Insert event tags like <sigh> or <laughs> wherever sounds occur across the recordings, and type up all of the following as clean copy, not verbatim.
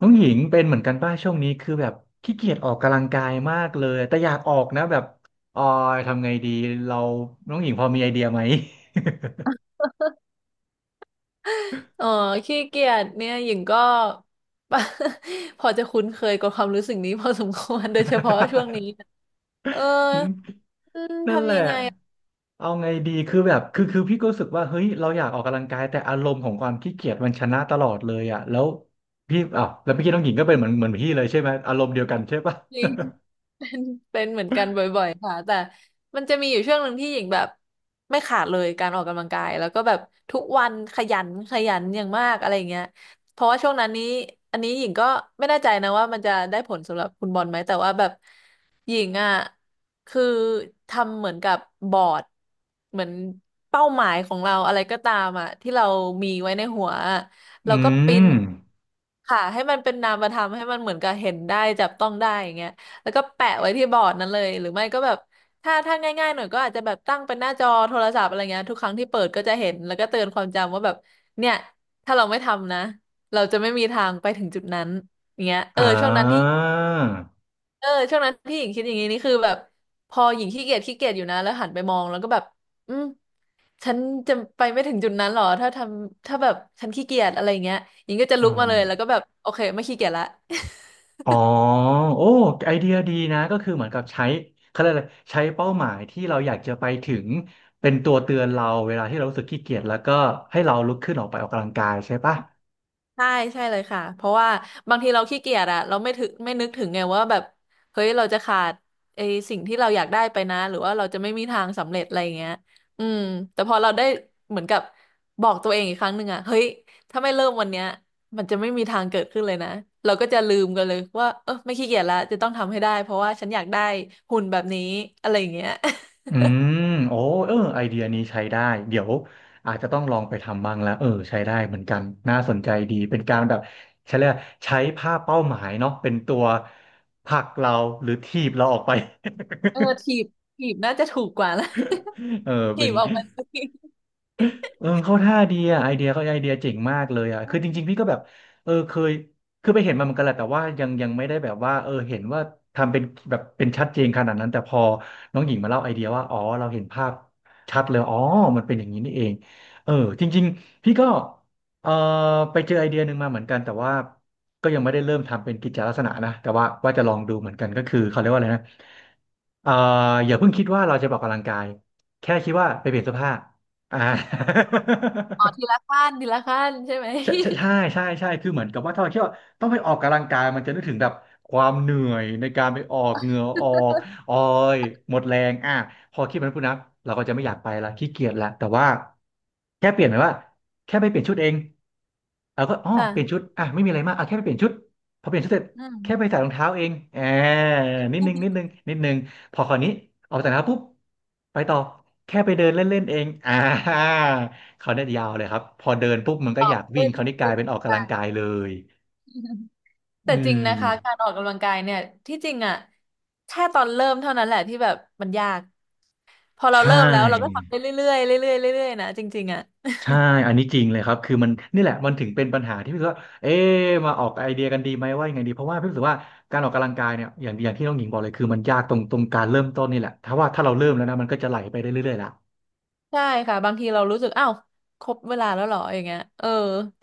น้องหญิงเป็นเหมือนกันป่ะช่วงนี้คือแบบขี้เกียจออกกำลังกายมากเลยแต่อยากออกนะแบบออยทำไงดีเราน้องหญิงพอมีไอเดียไหม เออขี้เกียจเนี่ยหญิงก็ <laughs> พอจะคุ้นเคยกับความรู้สึกนี้พอสมควรโดยเฉพาะช่วงนี้เออ<laughs> นั่นแหทำละยังไง เอาไงดีคือแบบคือคือพี่ก็รู้สึกว่าเฮ้ยเราอยากออกกำลังกายแต่อารมณ์ของความขี้เกียจมันชนะตลอดเลยอ่ะแล้วพี่อ้าวแล้วพี่อกี้น้องหญิงก็เป็นเหมือนพี่เลยใช่ไหมอารมณ์เดียวกันใช่ป่ะ จริง <laughs> เป็นเหมือนกันบ่อยๆค่ะแต่มันจะมีอยู่ช่วงหนึ่งที่หญิงแบบไม่ขาดเลยการออกกำลังกายแล้วก็แบบทุกวันขยันอย่างมากอะไรอย่างเงี้ยเพราะว่าช่วงนั้นนี้อันนี้หญิงก็ไม่แน่ใจนะว่ามันจะได้ผลสำหรับคุณบอลไหมแต่ว่าแบบหญิงอ่ะคือทำเหมือนกับบอร์ดเหมือนเป้าหมายของเราอะไรก็ตามอ่ะที่เรามีไว้ในหัว <laughs> อืแล้วก็ปริ้นมค่ะให้มันเป็นนามธรรมให้มันเหมือนกับเห็นได้จับต้องได้อย่างเงี้ยแล้วก็แปะไว้ที่บอร์ดนั้นเลยหรือไม่ก็แบบถ้าง่ายๆหน่อยก็อาจจะแบบตั้งเป็นหน้าจอโทรศัพท์อะไรเงี้ยทุกครั้งที่เปิดก็จะเห็นแล้วก็เตือนความจำว่าแบบเนี่ยถ้าเราไม่ทำนะเราจะไม่มีทางไปถึงจุดนั้นอย่างเงี้ยเออ่อช่วงนั้นที่าเออช่วงนั้นที่หญิงคิดอย่างนี้นี่คือแบบพอหญิงขี้เกียจอยู่นะแล้วหันไปมองแล้วก็แบบอืม ฉันจะไปไม่ถึงจุดนั้นหรอถ้าแบบฉันขี้เกียจอะไรอย่างเงี้ยหญิงก็จะอ่ลุกมาเลยแล้วก็า แบบโอเคไม่ขี้เกียจละ อ๋อโอ้ไอเดียดีนะก็คือเหมือนกับใช้เขาเรียกอะไรใช้เป้าหมายที่เราอยากจะไปถึงเป็นตัวเตือนเราเวลาที่เรารู้สึกขี้เกียจแล้วก็ให้เราลุกขึ้นออกไปออกกำลังกายใช่ปะใช่ใช่เลยค่ะเพราะว่าบางทีเราขี้เกียจอะเราไม่นึกถึงไงว่าแบบเฮ้ยเราจะขาดไอ้สิ่งที่เราอยากได้ไปนะหรือว่าเราจะไม่มีทางสำเร็จอะไรอย่างเงี้ยอืมแต่พอเราได้เหมือนกับบอกตัวเองอีกครั้งหนึ่งอะเฮ้ยถ้าไม่เริ่มวันเนี้ยมันจะไม่มีทางเกิดขึ้นเลยนะเราก็จะลืมกันเลยว่าเออไม่ขี้เกียจละจะต้องทำให้ได้เพราะว่าฉันอยากได้หุ่นแบบนี้อะไรอย่างเงี้ย <laughs> อืมโอ้เออไอเดียนี้ใช้ได้เดี๋ยวอาจจะต้องลองไปทำบ้างแล้วเออใช้ได้เหมือนกันน่าสนใจดีเป็นการแบบใช้เรียกว่าใช้ภาพเป้าหมายเนาะเป็นตัวผลักเราหรือถีบเราออกไป เออถีบน่าจะถูกกว่านะ <laughs> เออ <laughs> เป็ถีน บออกมาสิเออเข้าท่าดีอ่ะไอเดียก็ไอเดียเจ๋งมากเลยอ่ะคือจริงๆพี่ก็แบบเออเคยคือไปเห็นมาเหมือนกันแหละแต่ว่ายังไม่ได้แบบว่าเออเห็นว่าทำเป็นแบบเป็นชัดเจนขนาดนั้นแต่พอน้องหญิงมาเล่าไอเดียว่าอ๋อเราเห็นภาพชัดเลยอ๋อมันเป็นอย่างนี้นี่เองเออจริงๆพี่ก็เออไปเจอไอเดียหนึ่งมาเหมือนกันแต่ว่าก็ยังไม่ได้เริ่มทำเป็นกิจลักษณะนะแต่ว่าจะลองดูเหมือนกันก็คือเขาเรียกว่าอะไรนะ เอ่ออย่าเพิ่งคิดว่าเราจะไปออกกำลังกายแค่คิดว่าไปเปลี่ยนเสื้อผ้าอ่า อ๋อทีละขั้นทีละขั้นใช่ไหม <laughs> ใช่คือเหมือนกับว่าถ้าเราคิดว่าต้องไปออกกำลังกายมันจะนึกถึงแบบความเหนื่อยในการไปออกเหงื่อออกออยหมดแรงอ่ะพอคิดแบบนั้นปุ๊บนะเราก็จะไม่อยากไปละขี้เกียจละแต่ว่าแค่เปลี่ยนหมายว่าแค่ไปเปลี่ยนชุดเองเราก็อ๋อเปลี่ยนชุค่ะ ดอ่ะไม่มีอะไรมากอ่ะแค่ไปเปลี่ยนชุดพอเปลี่ยนชุดเสร็จอืม แค่ไปใส่รองเท้าเองแอมนิดนึง<laughs> พอคราวนี้ออกจากรองเท้าปุ๊บไปต่อแค่ไปเดินเล่นๆเองอ่า เขาเนี่ยยาวเลยครับพอเดินปุ๊บมันก็อออกยากวิ่งเรื่อยเขาวนี่ๆกลาเรื่ยอยเป็นออกๆไป กำลังกายเลย <laughs> อืแต่จริงนะคะการมออกกำลังกายเนี่ยที่จริงอ่ะแค่ตอนเริ่มเท่านั้นแหละที่แบบมันยากพอเราใช่เริ่มแล้วเราก็ทำได้เรื่อยๆเรื่อยๆเรื่อยๆนะจริงๆอ่ะใช่อันนี้จริงเลยครับคือมันนี่แหละมันถึงเป็นปัญหาที่พี่รู้สึกว่าเอ๊ะมาออกไอเดียกันดีไหมว่ายังไงดีเพราะว่าพี่รู้สึกว่าการออกกำลังกายเนี่ยอย่างที่น้องหญิงบอกเลยคือมันยากตรงการเริ่มต้นนี่แหละถ้าเราเริ่มแล้วนะมันก็จะไหลไปได้เรื่อยๆละใช่ค่ะบางทีเรารู้สึกอ้าวครบเวลาแล้วเหรออย่างเงี้ยเออ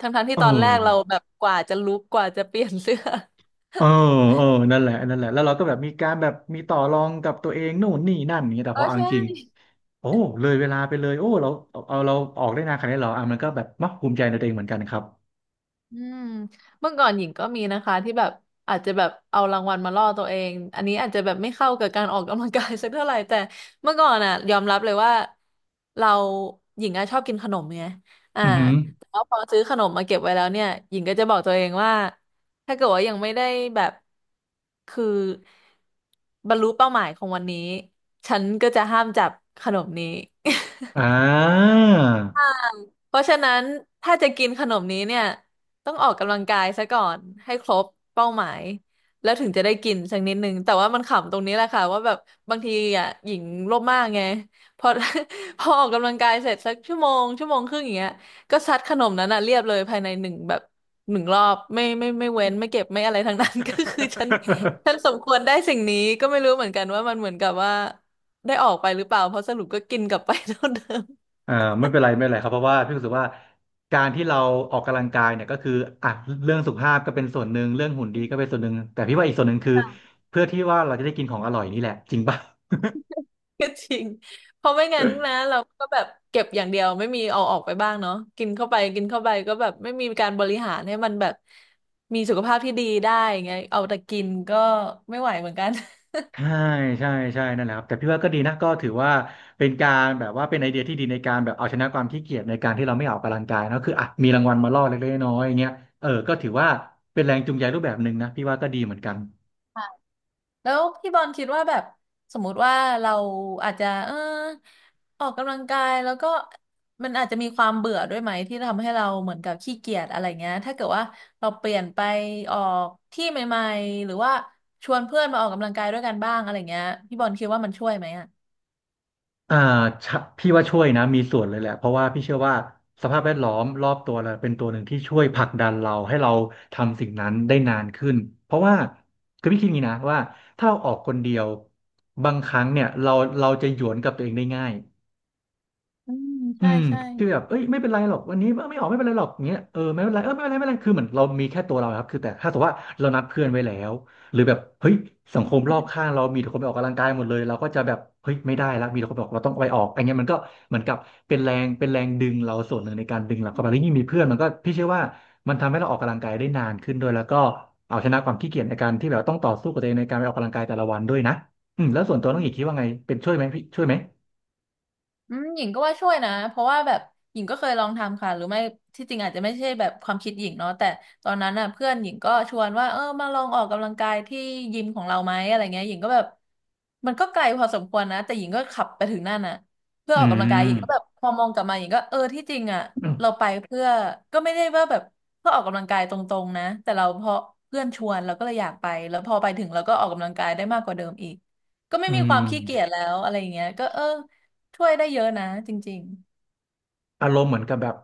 ทั้งๆเที่ตอนแรกเราออแบบกว่าจะลุกกว่าจะเปลี่ยนเสื้อ เออเออนั่นแหละนั่นแหละแล้วเราก็แบบมีการแบบมีต่อรองกับตัวเองนู่นนี่นั่นอย่างเงี้ย <laughs> แต่เออพอเอาจใช่ ริง โอ้เลยเวลาไปเลยโอ้เราเอาเราออกได้นานขนาดนี้เหรออ่ะมันก็แบบมักภูมิใจในตัวเองเหมือนกันครับอืมเมื่อก่อนหญิงก็มีนะคะที่แบบอาจจะแบบเอารางวัลมาล่อตัวเองอันนี้อาจจะแบบไม่เข้ากับการออกกำลังกาย <laughs> สักเท่าไหร่แต่เมื่อก่อนอ่ะยอมรับเลยว่าเราหญิงอะชอบกินขนมไงอ่าอือหือแต่ว่าพอซื้อขนมมาเก็บไว้แล้วเนี่ยหญิงก็จะบอกตัวเองว่าถ้าเกิดว่ายังไม่ได้แบบคือบรรลุเป้าหมายของวันนี้ฉันก็จะห้ามจับขนมนี้ อ่า เพราะฉะนั้นถ้าจะกินขนมนี้เนี่ยต้องออกกำลังกายซะก่อนให้ครบเป้าหมายแล้วถึงจะได้กินสักนิดนึงแต่ว่ามันขำตรงนี้แหละค่ะว่าแบบบางทีอ่ะหญิงโลภมากไงพอ <laughs> พอออกกำลังกายเสร็จสักชั่วโมงชั่วโมงครึ่งอย่างเงี้ยก็ซัดขนมนั้นอ่ะเรียบเลยภายในหนึ่งแบบหนึ่งรอบไม่เว้นไม่เก็บไม่อะไร <laughs> ทั้งนั้น <laughs> ก็คือฉันส <laughs> มควรได้สิ่งนี้ก็ไม่รู้เหมือนกันว่ามันเหมือนกับว่าได้ออกไปหรือเปล่าเพราะสรุปก็กินกลับไปเท่าเดิม อ่าไม่เป็นไรครับเพราะว่าพี่รู้สึกว่าการที่เราออกกำลังกายเนี่ยก็คืออ่ะเรื่องสุขภาพก็เป็นส่วนหนึ่งเรื่องหุ่นดีก็เป็นส่วนหนึ่งแต่พี่ว่าอีกส่วนหนึ่งคือเพื่อที่ว่าเราจะได้กินของอร่อยนี่แหละจริงป่ะ ก็ <laughs> จริง เพราะไม่งั้นนะเราก็แบบเก็บอย่างเดียวไม่มีเอาออกไปบ้างเนาะกินเข้าไปกินเข้าไปก็แบบไม่มีการบริหารให้มันแบบมีสุขภาพที่ดีได้อย่างเงี้ยเอาแต่กินก็ไม่ไหวเหมือนกัน ใช่ใช่ใช่นั่นแหละครับแต่พี่ว่าก็ดีนะก็ถือว่าเป็นการแบบว่าเป็นไอเดียที่ดีในการแบบเอาชนะความขี้เกียจในการที่เราไม่ออกกำลังกายเนอะคืออ่ะมีรางวัลมาล่อเล็กๆน้อยๆอย่างเงี้ยเออก็ถือว่าเป็นแรงจูงใจรูปแบบหนึ่งนะพี่ว่าก็ดีเหมือนกันแล้วพี่บอลคิดว่าแบบสมมุติว่าเราอาจจะออกกำลังกายแล้วก็มันอาจจะมีความเบื่อด้วยไหมที่ทำให้เราเหมือนกับขี้เกียจอะไรเงี้ยถ้าเกิดว่าเราเปลี่ยนไปออกที่ใหม่ๆหรือว่าชวนเพื่อนมาออกกำลังกายด้วยกันบ้างอะไรเงี้ยพี่บอลคิดว่ามันช่วยไหมอ่ะอ่าชะพี่ว่าช่วยนะมีส่วนเลยแหละเพราะว่าพี่เชื่อว่าสภาพแวดล้อมรอบตัวเราเป็นตัวหนึ่งที่ช่วยผลักดันเราให้เราทำสิ่งนั้นได้นานขึ้นเพราะว่าคือพี่คิดอย่างนี้นะว่าถ้าเราออกคนเดียวบางครั้งเนี่ยเราจะหยวนกับตัวเองได้ง่าย อืมอืใช่มใช่ คือแบบเอ้ยไม่เป็นไรหรอกวันนี้เออไม่ออกไม่เป็นไรหรอกอย่างเงี้ยเออไม่เป็นไรเออไม่เป็นไรไม่เป็นไรคือเหมือนเรามีแค่ตัวเราครับคือแต่ถ้าสมมติว่าเรานัดเพื่อนไว้แล้วหรือแบบเฮ้ยสังคมรอบข้างเรามีแต่คนไปออกกำลังกายหมดเลยเราก็จะแบบเฮ้ยไม่ได้ละมีแต่คนบอกเราต้องไปออกอันเนี้ยมันก็เหมือนกับเป็นแรงเป็นแรงดึงเราส่วนหนึ่งในการดึงเราเข้าไปแล้วยิ่งมีเพื่อนมันก็พี่เชื่อว่ามันทำให้เราออกกำลังกายได้นานขึ้นด้วยแล้วก็เอาชนะความขี้เกียจในการที่แบบต้องต่อสู้กับตัวเองในการไปออกกำลังกายแต่ละวันด้วยนะอืมแล้วส่วนตัวน้องอีกคิดว่าไงเป็นช่วยไหมพี่ช่วยไหมอืมหญิงก็ว่าช่วยนะเพราะว่าแบบหญิงก็เคยลองทำค่ะหรือไม่ที่จริงอาจจะไม่ใช่แบบความคิดหญิงเนาะแต่ตอนนั้นน่ะเพื่อนหญิงก็ชวนว่าเออมาลองออกกำลังกายที่ยิมของเราไหมอะไรเงี้ยหญิงก็แบบมันก็ไกลพอสมควรนะแต่หญิงก็ขับไปถึงนั่นน่ะเพื่ออืออกกำลังกายหญิม งก็แบบพอมองกลับมาหญิงก็เออที่จริงอ่ะเราไปเพื่อก็ไม่ได้ว่าแบบเพื่อออกกำลังกายตรงๆนะแต่เราเพราะเพื่อนชวนเราก็เลยอยากไปแล้วพอไปถึงเราก็ออกกำลังกายได้มากกว่าเดิมอีกก็ไม่อืมีคมวามขี้เกียจแล้วอะไรอย่างเงี้ยก็เออ ช่วยได้เยอะนะจริงอารมณ์เหมือนกับแบบ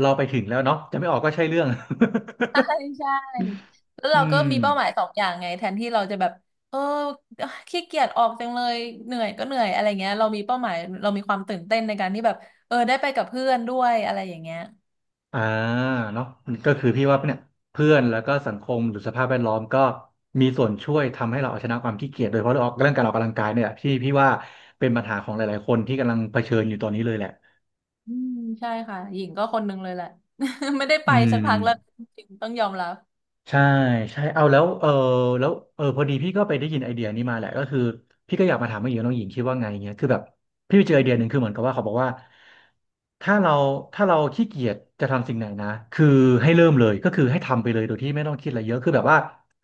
เราไปถึงแล้วเนาะจะไม่ออกก็ใช่เรื่อง ๆใช่ใช่ๆแล้ว <laughs> อืเราก็มมีเป้าหมายสองอย่างไงแทนที่เราจะแบบเออขี้เกียจออกจังเลยเหนื่อยก็เหนื่อยอะไรเงี้ยเรามีเป้าหมายเรามีความตื่นเต้นในการที่แบบเออได้ไปกับเพื่อนด้วยอะไรอย่างเงี้ยอ่าเนาะก็คือพี่ว่าเนี่ยเพื่อนแล้วก็สังคมหรือสภาพแวดล้อมก็มีส่วนช่วยทำให้เราเอาชนะความขี้เกียจโดยเฉพาะเรื่องออกเรื่องการออกกำลังกายเนี่ยแหละที่พี่ว่าเป็นปัญหาของหลายๆคนที่กำลังเผชิญอยู่ตอนนี้เลยแหละอืมใช่ค่ะหญิงก็คนนึงเลยแหละ <laughs> ไม่ได้ไปอืสัม กพักแล้วจริงๆต้องยอมรับใช่ใช่เอาแล้วเออแล้วเออพอดีพี่ก็ไปได้ยินไอเดียนี้มาแหละก็คือพี่ก็อยากมาถามว่าหญิงน้องหญิงคิดว่าไงเงี้ยคือแบบพี่ไปเจอไอเดียหนึ่งคือเหมือนกับว่าเขาบอกว่าถ้าเราถ้าเราขี้เกียจจะทำสิ่งไหนนะคือให้เริ่มเลยก็คือให้ทำไปเลยโดยที่ไม่ต้องคิดอะไรเยอะคือแบบว่า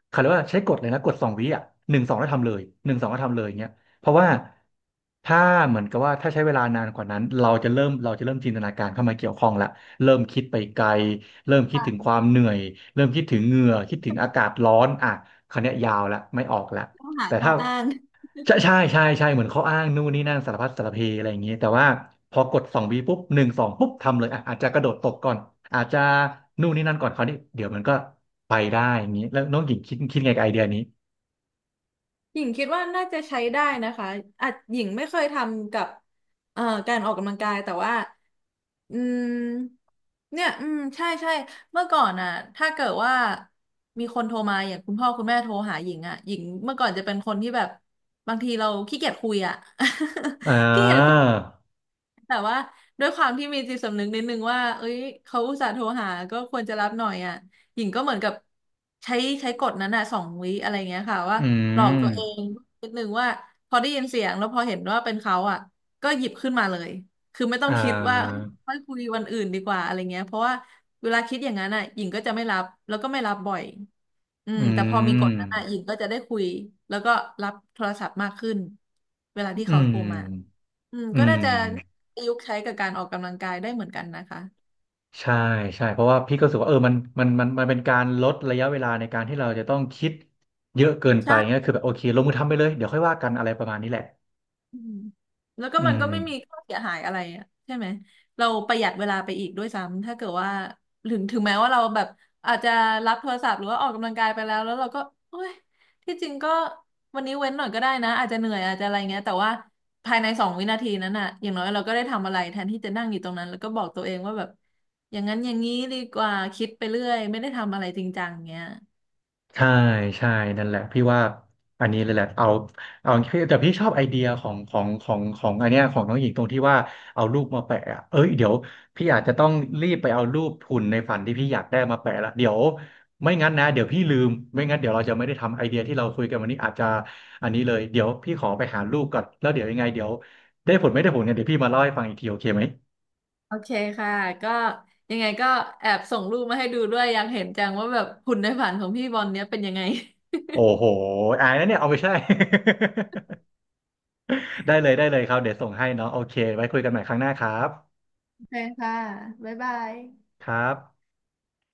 เขาเรียกว่าใช้กฎเลยนะกฎสองวิอ่ะหนึ่งสองแล้วทำเลยหนึ่งสองแล้วทำเลยเงี้ยเพราะว่าถ้าเหมือนกับว่าถ้าใช้เวลานานกว่านั้นเราจะเริ่มจินตนาการเข้ามาเกี่ยวข้องละ เริ่มคิดไปไกลเริ่มคิดถึงความเหนื่อยเริ่มคิดถึงเหงื่อคิดถึงอากาศร้อนอ่ะคราวนี้ยยาวละไม่ออกละต้องหาแต่ข้อถ้าอ้าง ใช่ใช่ใช่ใช่เหมือนเขาอ้างนู่นนี่นั่นสารพัดสารเพอะไรอย่างเงี้ยแต่ว่าพอกดสองวีปุ๊บหนึ่งสองปุ๊บทำเลยอ่ะอาจจะกระโดดตกก่อนอาจจะนู่นนี่นั่นก่อนเขาวนี้เดี๋ยวมันก็ไปได้อย่างนี้แล้วน้องหญิงคิดไงกับไอเดียนี้หญิงคิดว่าน่าจะใช้ได้นะคะอาจหญิงไม่เคยทำกับการออกกำลังกายแต่ว่าอืมเนี่ยอืมใช่ใช่เมื่อก่อนอ่ะถ้าเกิดว่ามีคนโทรมาอย่างคุณพ่อคุณแม่โทรหาหญิงอ่ะหญิงเมื่อก่อนจะเป็นคนที่แบบบางทีเราขี้เกียจคุยอ่ะ อ่า <laughs> ขี้เกียจ แต่ว่าด้วยความที่มีจิตสำนึกนิดนึงว่าเอ้ยเขาอุตส่าห์โทรหาก็ควรจะรับหน่อยอ่ะหญิงก็เหมือนกับใช้ใช้กฎนั้นอ่ะสองวิอะไรเงี้ยค่ะว่าอืหลอกมตัวเองนิดนึงว่าพอได้ยินเสียงแล้วพอเห็นว่าเป็นเขาอ่ะก็หยิบขึ้นมาเลยคือไม่ต้ออ่งคิดว่าาค่อยคุยวันอื่นดีกว่าอะไรเงี้ยเพราะว่า เวลาคิดอย่างนั้นอ่ะหญิงก็จะไม่รับแล้วก็ไม่รับบ่อยอือืมแต่พอมีกฎมนั้นอ่ะหญิงก็จะได้คุยแล้วก็รับโทรศัพท์มากขึ้นเวลาที่อืเขามโทรมาอืมอืก็ม น่าจะประยุกต์ใช้กับการออกกำลังกายได้เหมือนกันนะคะใช่ใช่เพราะว่าพี่ก็รู้สึกว่าเออมันเป็นการลดระยะเวลาในการที่เราจะต้องคิดเยอะเกินไปเงี้ยใช่ คือแบบโอเคลงมือทำไปเลยเดี๋ยวค่อยว่ากันอะไรประมาณนี้แหละอืมแล้วก็อืมันม ก็ไม่มีข้อเสียหายอะไรอะใช่ไหมเราประหยัดเวลาไปอีกด้วยซ้ำถ้าเกิดว่าถึงแม้ว่าเราแบบอาจจะรับโทรศัพท์หรือว่าออกกำลังกายไปแล้วแล้วเราก็โอ้ยที่จริงก็วันนี้เว้นหน่อยก็ได้นะอาจจะเหนื่อยอาจจะอะไรเงี้ยแต่ว่าภายใน2 วินาทีนั้นน่ะอย่างน้อยเราก็ได้ทำอะไรแทนที่จะนั่งอยู่ตรงนั้นแล้วก็บอกตัวเองว่าแบบอย่างนั้นอย่างนี้ดีกว่าคิดไปเรื่อยไม่ได้ทำอะไรจริงจังเงี้ย ใช่ใช่นั่นแหละพี่ว่าอันนี้เลยแหละเอาเอาแต่พี่ชอบไอเดียของอันเนี้ยของน้องหญิงตรงที่ว่าเอารูปมาแปะอะเอ้ยเดี๋ยวพี่อาจจะต้องรีบไปเอารูปหุ่นในฝันที่พี่อยากได้มาแปะละเดี๋ยวไม่งั้นนะเดี๋ยวพี่ลืมไม่งั้นเดี๋ยวเราจะไม่ได้ทำไอเดียที่เราคุยกันวันนี้อาจจะอันนี้เลยเดี๋ยวพี่ขอไปหารูปก่อนแล้วเดี๋ยวยังไงเดี๋ยวได้ผลไม่ได้ผลกันเดี๋ยวพี่มาเล่าให้ฟังอีกทีโอเคไหมโอเคค่ะก็ยังไงก็แอบส่งรูปมาให้ดูด้วยอยากเห็นจังว่าแบบหุ่นในฝันของพี่บอลเนี้ยเป็นยังไงโอ้โหอายนะเนี่ยเอาไปใช่ <laughs> ได้เลยได้เลยครับเดี๋ยวส่งให้เนาะโอเคไว้คุยกันใหม่ครั้งหน้าครับ โอเคค่ะบ๊ายบายครับ